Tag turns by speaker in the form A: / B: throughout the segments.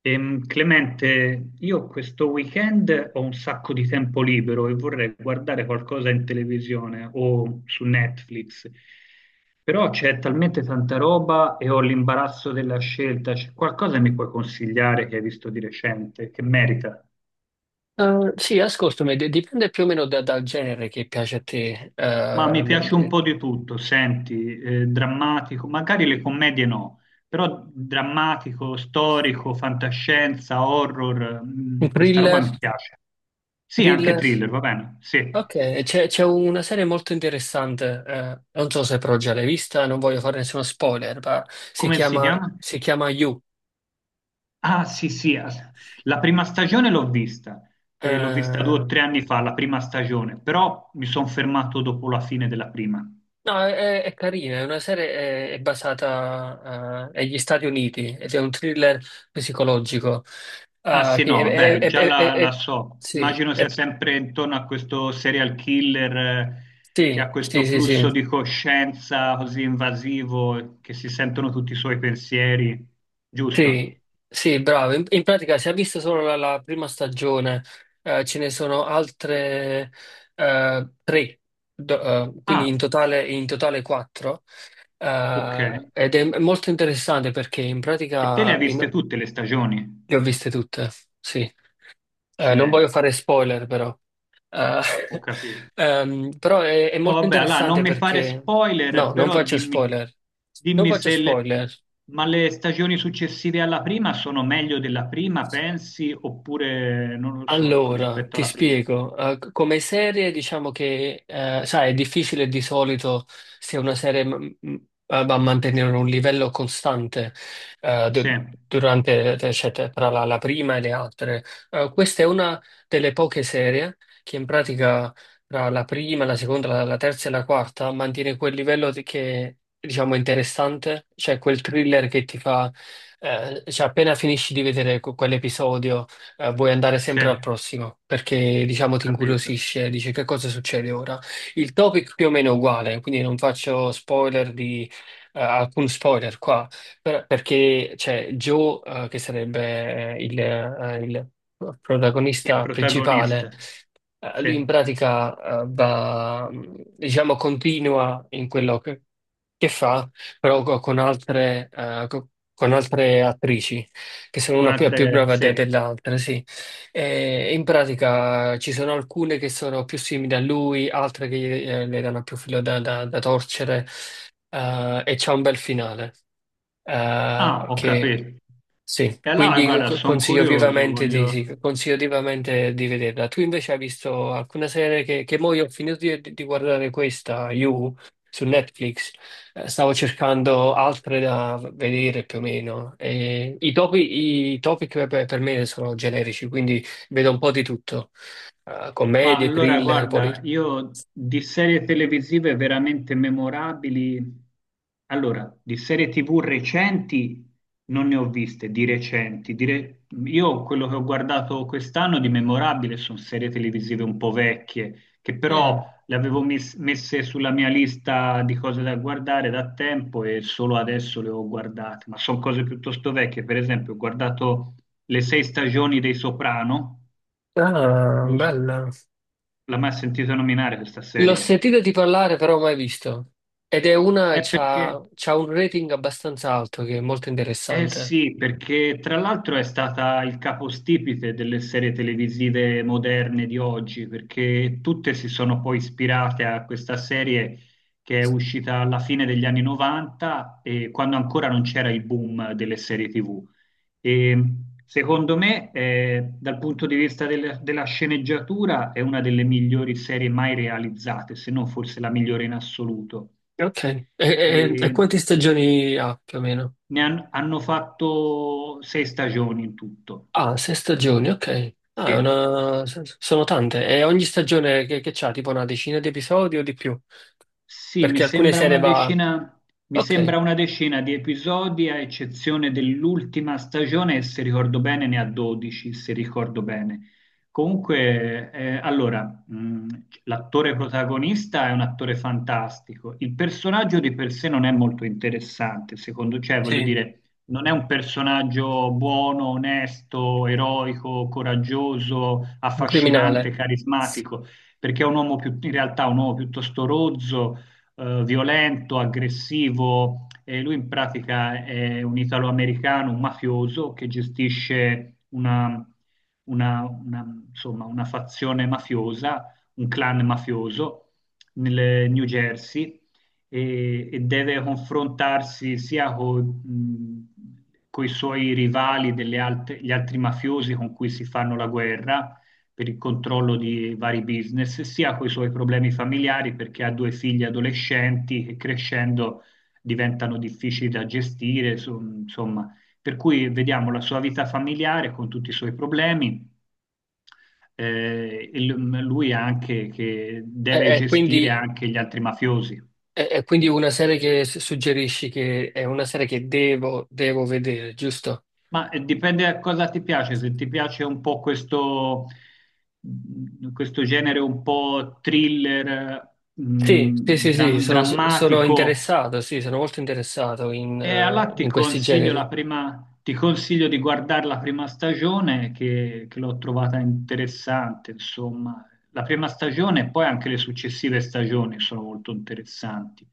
A: Clemente, io questo weekend ho un sacco di tempo libero e vorrei guardare qualcosa in televisione o su Netflix, però c'è talmente tanta roba e ho l'imbarazzo della scelta. C'è qualcosa che mi puoi consigliare che hai visto di recente, che merita?
B: Sì, ascoltami, dipende più o meno dal genere che piace a te.
A: Ma mi piace un po' di tutto, senti, drammatico, magari le commedie no, però drammatico, storico, fantascienza, horror,
B: Un
A: questa roba
B: thriller,
A: mi piace. Sì, anche
B: thriller.
A: thriller, va bene. Sì.
B: Ok, c'è una serie molto interessante, non so se però già l'hai vista, non voglio fare nessuno spoiler, ma si
A: Come si
B: chiama,
A: chiama?
B: si chiama You.
A: Ah, sì, sì. La prima stagione l'ho vista. L'ho vista due o
B: No,
A: tre anni fa, la prima stagione, però mi sono fermato dopo la fine della prima.
B: è carina, è una serie, è basata, agli Stati Uniti ed è un thriller psicologico.
A: Ah, sì,
B: Che
A: no, beh, già la
B: è-
A: so.
B: sì,
A: Immagino sia
B: è-
A: sempre intorno a questo serial killer, che ha
B: Sì,
A: questo
B: sì, sì, sì.
A: flusso di coscienza così invasivo, che si sentono tutti i suoi pensieri, giusto?
B: Sì, sì, bravo. In pratica si è vista solo la prima stagione, ce ne sono altre tre, quindi
A: Ah,
B: in totale quattro.
A: ok.
B: Ed è molto interessante perché
A: E te le hai viste tutte le stagioni?
B: le ho viste tutte, sì. Non voglio
A: Accidenti.
B: fare spoiler però. Eh,
A: Ho capito.
B: Però è
A: No,
B: molto
A: vabbè, allora non
B: interessante
A: mi fare
B: perché... No,
A: spoiler,
B: non
A: però
B: faccio
A: dimmi,
B: spoiler. Non
A: dimmi
B: faccio
A: se le,
B: spoiler.
A: ma le stagioni successive alla prima sono meglio della prima, pensi, oppure non lo so, ecco,
B: Allora,
A: rispetto
B: ti
A: alla prima.
B: spiego. Come serie, diciamo che, sai, è difficile di solito se una serie va a mantenere un livello costante eh,
A: Sì,
B: du- durante, cioè, tra la prima e le altre. Questa è una delle poche serie che in pratica tra la prima, la seconda, la terza e la quarta mantiene quel che, diciamo, è interessante, cioè quel thriller che ti fa, cioè appena finisci di vedere quell'episodio, vuoi andare
A: sì, ho
B: sempre al prossimo perché diciamo ti
A: capito.
B: incuriosisce, dici che cosa succede ora. Il topic più o meno è uguale, quindi non faccio spoiler di alcun spoiler qua, perché c'è Joe, che sarebbe il
A: Sì, il
B: protagonista principale.
A: protagonista.
B: Lui in
A: Sì,
B: pratica va, diciamo, continua in quello che fa, però con altre, con altre attrici, che sono
A: con
B: una più, più
A: altre.
B: brava
A: Sì.
B: dell'altra, sì. E in pratica ci sono alcune che sono più simili a lui, altre che le danno più filo da torcere, e c'è un bel finale.
A: Ah, ho
B: Che
A: capito.
B: Sì,
A: E allora,
B: quindi
A: guarda, sono
B: consiglio
A: curioso,
B: vivamente di,
A: voglio.
B: sì, consiglio vivamente di vederla. Tu invece hai visto alcune serie che mo io ho finito di guardare questa, You, su Netflix. Stavo cercando altre da vedere più o meno. E i topic per me sono generici, quindi vedo un po' di tutto.
A: Ma
B: Commedie,
A: allora,
B: thriller, poi...
A: guarda, io di serie televisive veramente memorabili, allora, di serie TV recenti non ne ho viste, di recenti. Io quello che ho guardato quest'anno di memorabile sono serie televisive un po' vecchie, che però
B: Mm.
A: le avevo messe sulla mia lista di cose da guardare da tempo e solo adesso le ho guardate, ma sono cose piuttosto vecchie. Per esempio, ho guardato le sei stagioni dei Soprano.
B: Ah, bella.
A: L'ha mai sentito nominare questa
B: L'ho
A: serie?
B: sentito di parlare, però mai visto. Ed è
A: È perché,
B: c'ha, c'ha un rating abbastanza alto, che è molto
A: Eh
B: interessante.
A: sì, perché tra l'altro è stata il capostipite delle serie televisive moderne di oggi, perché tutte si sono poi ispirate a questa serie che è uscita alla fine degli anni 90 e quando ancora non c'era il boom delle serie TV. E secondo me, dal punto di vista della sceneggiatura, è una delle migliori serie mai realizzate, se non forse la migliore in assoluto.
B: Ok. E quante stagioni ha più o meno?
A: Ne hanno fatto sei stagioni in tutto.
B: Ah, sei stagioni, ok. Ah,
A: Sì.
B: sono tante. E ogni stagione che c'ha, tipo una decina di episodi o di più?
A: Sì,
B: Perché alcune serie va...
A: mi
B: Ok,
A: sembra una decina di episodi, a eccezione dell'ultima stagione, e se ricordo bene ne ha 12, se ricordo bene. Comunque, allora, l'attore protagonista è un attore fantastico. Il personaggio di per sé non è molto interessante, secondo, cioè, voglio
B: sì,
A: dire, non è un personaggio buono, onesto, eroico, coraggioso,
B: un
A: affascinante,
B: criminale.
A: carismatico, perché è un uomo in realtà è un uomo piuttosto rozzo, violento, aggressivo. E lui in pratica è un italo-americano, un mafioso che gestisce una, insomma, una fazione mafiosa, un clan mafioso nel New Jersey e deve confrontarsi sia con i suoi rivali, gli altri mafiosi con cui si fanno la guerra, per il controllo di vari business, sia con i suoi problemi familiari perché ha due figli adolescenti che crescendo diventano difficili da gestire, insomma, per cui vediamo la sua vita familiare con tutti i suoi problemi. E lui anche che
B: E,
A: deve
B: e quindi,
A: gestire anche gli altri mafiosi.
B: e quindi una serie che suggerisci che è una serie che devo, devo vedere, giusto?
A: Ma dipende da cosa ti piace, se ti piace un po' questo, questo genere un po' thriller,
B: Sì, sì, sì, sì, sono, sono
A: drammatico.
B: interessato, sì, sono molto interessato in,
A: E allora ti
B: in questi
A: consiglio la
B: generi.
A: prima, ti consiglio di guardare la prima stagione che l'ho trovata interessante, insomma. La prima stagione e poi anche le successive stagioni sono molto interessanti.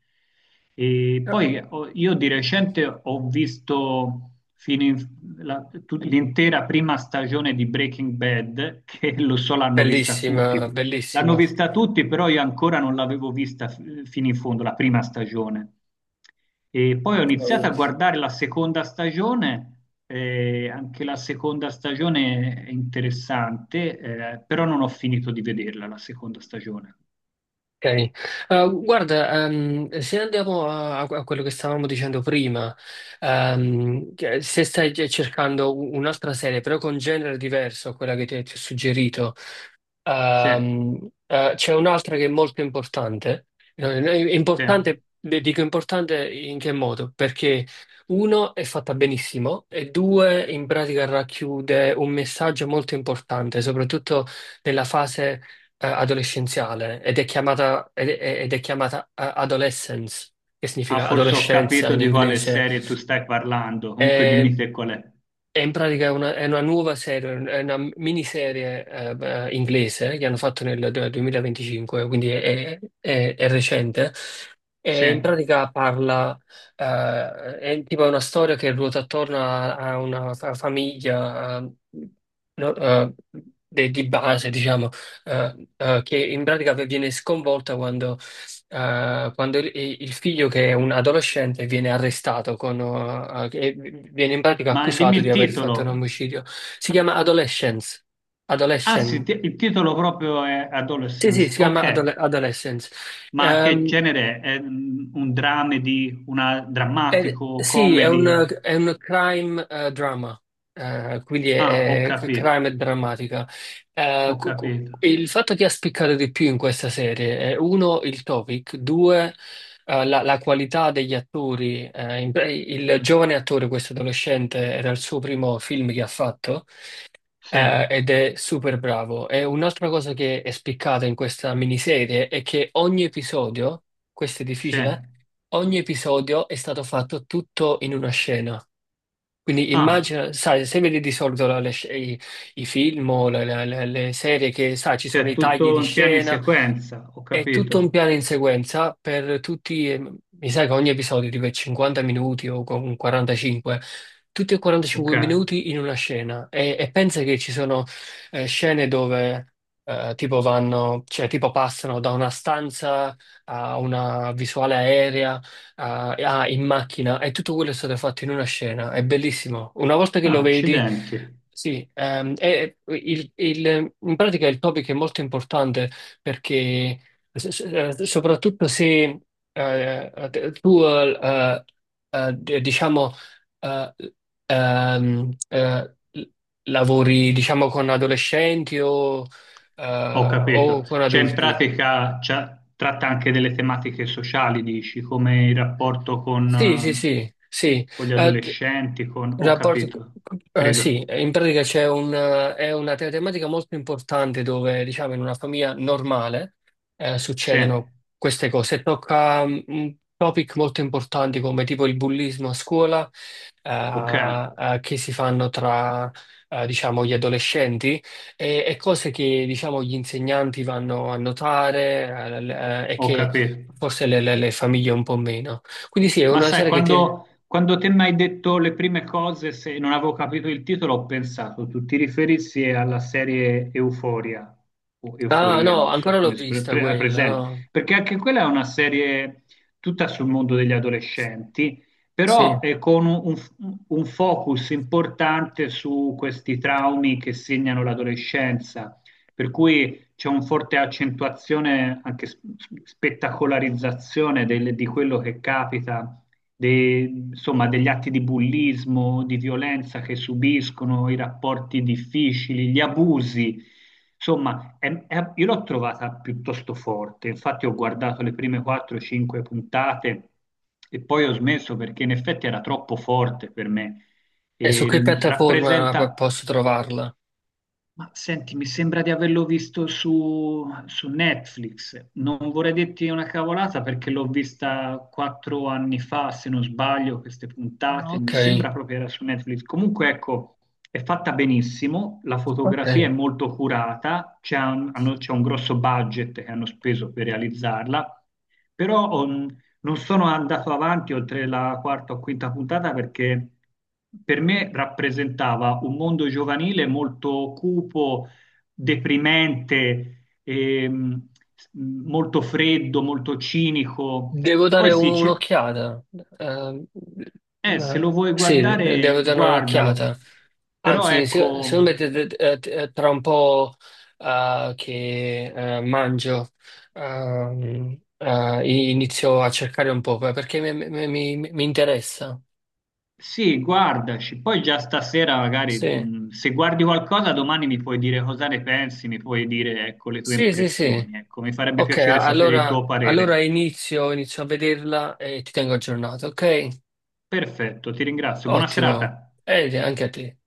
A: E
B: Ah,
A: poi io di recente ho visto fino in- la- tut- l'intera prima stagione di Breaking Bad, che lo so l'hanno vista tutti.
B: bellissima,
A: L'hanno
B: bellissima.
A: vista tutti, però io ancora non l'avevo vista fino in fondo, la prima stagione. E poi ho
B: Ok.
A: iniziato a guardare la seconda stagione, anche la seconda stagione è interessante, però non ho finito di vederla la seconda stagione.
B: Eh, Guarda, se andiamo a, a quello che stavamo dicendo prima, che se stai cioè, cercando un'altra serie, però con genere diverso a quella che ti ho suggerito.
A: Sì,
B: Ehm, C'è un'altra che è molto importante. È
A: sì.
B: importante, beh, dico importante in che modo? Perché uno è fatta benissimo e due in pratica racchiude un messaggio molto importante, soprattutto nella fase adolescenziale ed è chiamata, Adolescence, che
A: Ah,
B: significa
A: forse ho
B: adolescenza
A: capito
B: in
A: di quale
B: inglese.
A: serie tu stai parlando, comunque dimmi te qual è.
B: È una nuova serie, è una miniserie inglese che hanno fatto nel 2025, quindi è, è recente.
A: Sì,
B: E in
A: ma
B: pratica parla, è tipo una storia che ruota attorno a, a una famiglia, no, de- di base, diciamo, che in pratica viene sconvolta quando, eh, quando il, il figlio che è un adolescente viene arrestato con, eh, e viene in pratica
A: dimmi
B: accusato di
A: il
B: aver fatto un
A: titolo.
B: omicidio. Si chiama Adolescence.
A: Ah sì,
B: Adolescent.
A: il titolo proprio è
B: Sì, sì,
A: Adolescence,
B: si chiama
A: ok.
B: Adolescence.
A: Ma che
B: Ehm,
A: genere è? È un dramedy, una drammatico,
B: Sì, è un
A: comedy?
B: è un crime drama. Quindi
A: Ah, ho
B: è
A: capito.
B: crime e drammatica.
A: Ho capito.
B: Il fatto che ha spiccato di più in questa serie è uno, il topic, due, la, la qualità degli attori. Il giovane attore, questo adolescente, era il suo primo film che ha fatto,
A: Sì,
B: ed è super bravo. E un'altra cosa che è spiccata in questa miniserie è che ogni episodio, questo è
A: sì.
B: difficile, eh? Ogni episodio è stato fatto tutto in una scena. Quindi
A: Ah,
B: immagina, sai, se vedi di solito i film o le serie che, sai, ci sono
A: cioè
B: i tagli
A: tutto
B: di
A: in piano in
B: scena,
A: sequenza, ho
B: è tutto un
A: capito.
B: piano in sequenza per tutti, mi sa che ogni episodio tipo è 50 minuti o con 45, tutti e
A: Ok.
B: 45
A: Ah,
B: minuti in una scena, e pensa che ci sono scene dove tipo vanno, cioè tipo passano da una stanza a una visuale aerea a, in macchina e tutto quello è stato fatto in una scena, è bellissimo. Una volta che lo vedi...
A: accidenti.
B: Sì, in pratica il topic è molto importante perché
A: C-
B: soprattutto se tu, diciamo, eh, ehm, eh, l- lavori, diciamo, con adolescenti
A: Ho
B: o
A: capito.
B: con
A: Cioè in
B: adulti.
A: pratica tratta anche delle tematiche sociali, dici, come il rapporto
B: Sì, sì, sì, sì.
A: con gli adolescenti, con.
B: Il
A: Ho
B: rapporto,
A: capito, credo.
B: sì, in pratica c'è è una te- tematica molto importante dove, diciamo, in una famiglia normale
A: Sì,
B: succedono queste cose. Tocca, mm, un topic molto importanti come tipo il bullismo a scuola,
A: ok,
B: che si fanno tra, diciamo, gli adolescenti e cose che, diciamo, gli insegnanti vanno a notare, e
A: ho
B: che
A: capito.
B: forse le famiglie un po' meno. Quindi sì, è
A: Ma
B: una
A: sai,
B: serie che ti...
A: quando te mi hai detto le prime cose, se non avevo capito il titolo, ho pensato, tu ti riferissi alla serie Euforia, o
B: Ah,
A: Euforia,
B: no,
A: non so
B: ancora l'ho
A: come si
B: vista quella,
A: presenta,
B: no?
A: perché anche quella è una serie tutta sul mondo degli adolescenti, però
B: Sì.
A: con un, un focus importante su questi traumi che segnano l'adolescenza, per cui c'è un forte accentuazione, anche spettacolarizzazione di quello che capita, de- insomma, degli atti di bullismo, di violenza che subiscono, i rapporti difficili, gli abusi. Insomma, io l'ho trovata piuttosto forte, infatti ho guardato le prime 4-5 puntate e poi ho smesso perché in effetti era troppo forte per me.
B: E su
A: E,
B: che piattaforma
A: rappresenta.
B: posso trovarla?
A: Ma senti, mi sembra di averlo visto su, Netflix. Non vorrei dirti una cavolata perché l'ho vista 4 anni fa, se non sbaglio, queste
B: Ah,
A: puntate.
B: ok,
A: Mi sembra proprio era su Netflix. Comunque, ecco, è fatta benissimo, la
B: ok.
A: fotografia è molto curata, c'è un grosso budget che hanno speso per realizzarla, però oh, non sono andato avanti oltre la quarta o quinta puntata perché per me rappresentava un mondo giovanile molto cupo, deprimente, molto freddo, molto cinico.
B: Devo dare
A: Poi sì,
B: un'occhiata. Eh,
A: se lo vuoi
B: sì,
A: guardare,
B: devo dare
A: guardalo.
B: un'occhiata.
A: Però
B: Anzi,
A: ecco.
B: secondo me tra un po' che mangio, inizio a cercare un po' perché mi, mi interessa.
A: Sì, guardaci, poi già stasera magari
B: Sì,
A: se guardi qualcosa domani mi puoi dire cosa ne pensi, mi puoi dire ecco, le tue
B: sì, sì, sì.
A: impressioni, ecco, mi farebbe
B: Ok,
A: piacere sapere il
B: allora,
A: tuo
B: allora
A: parere.
B: inizio, inizio a vederla e ti tengo aggiornato, ok?
A: Perfetto, ti ringrazio, buona
B: Ottimo.
A: serata.
B: E anche a te.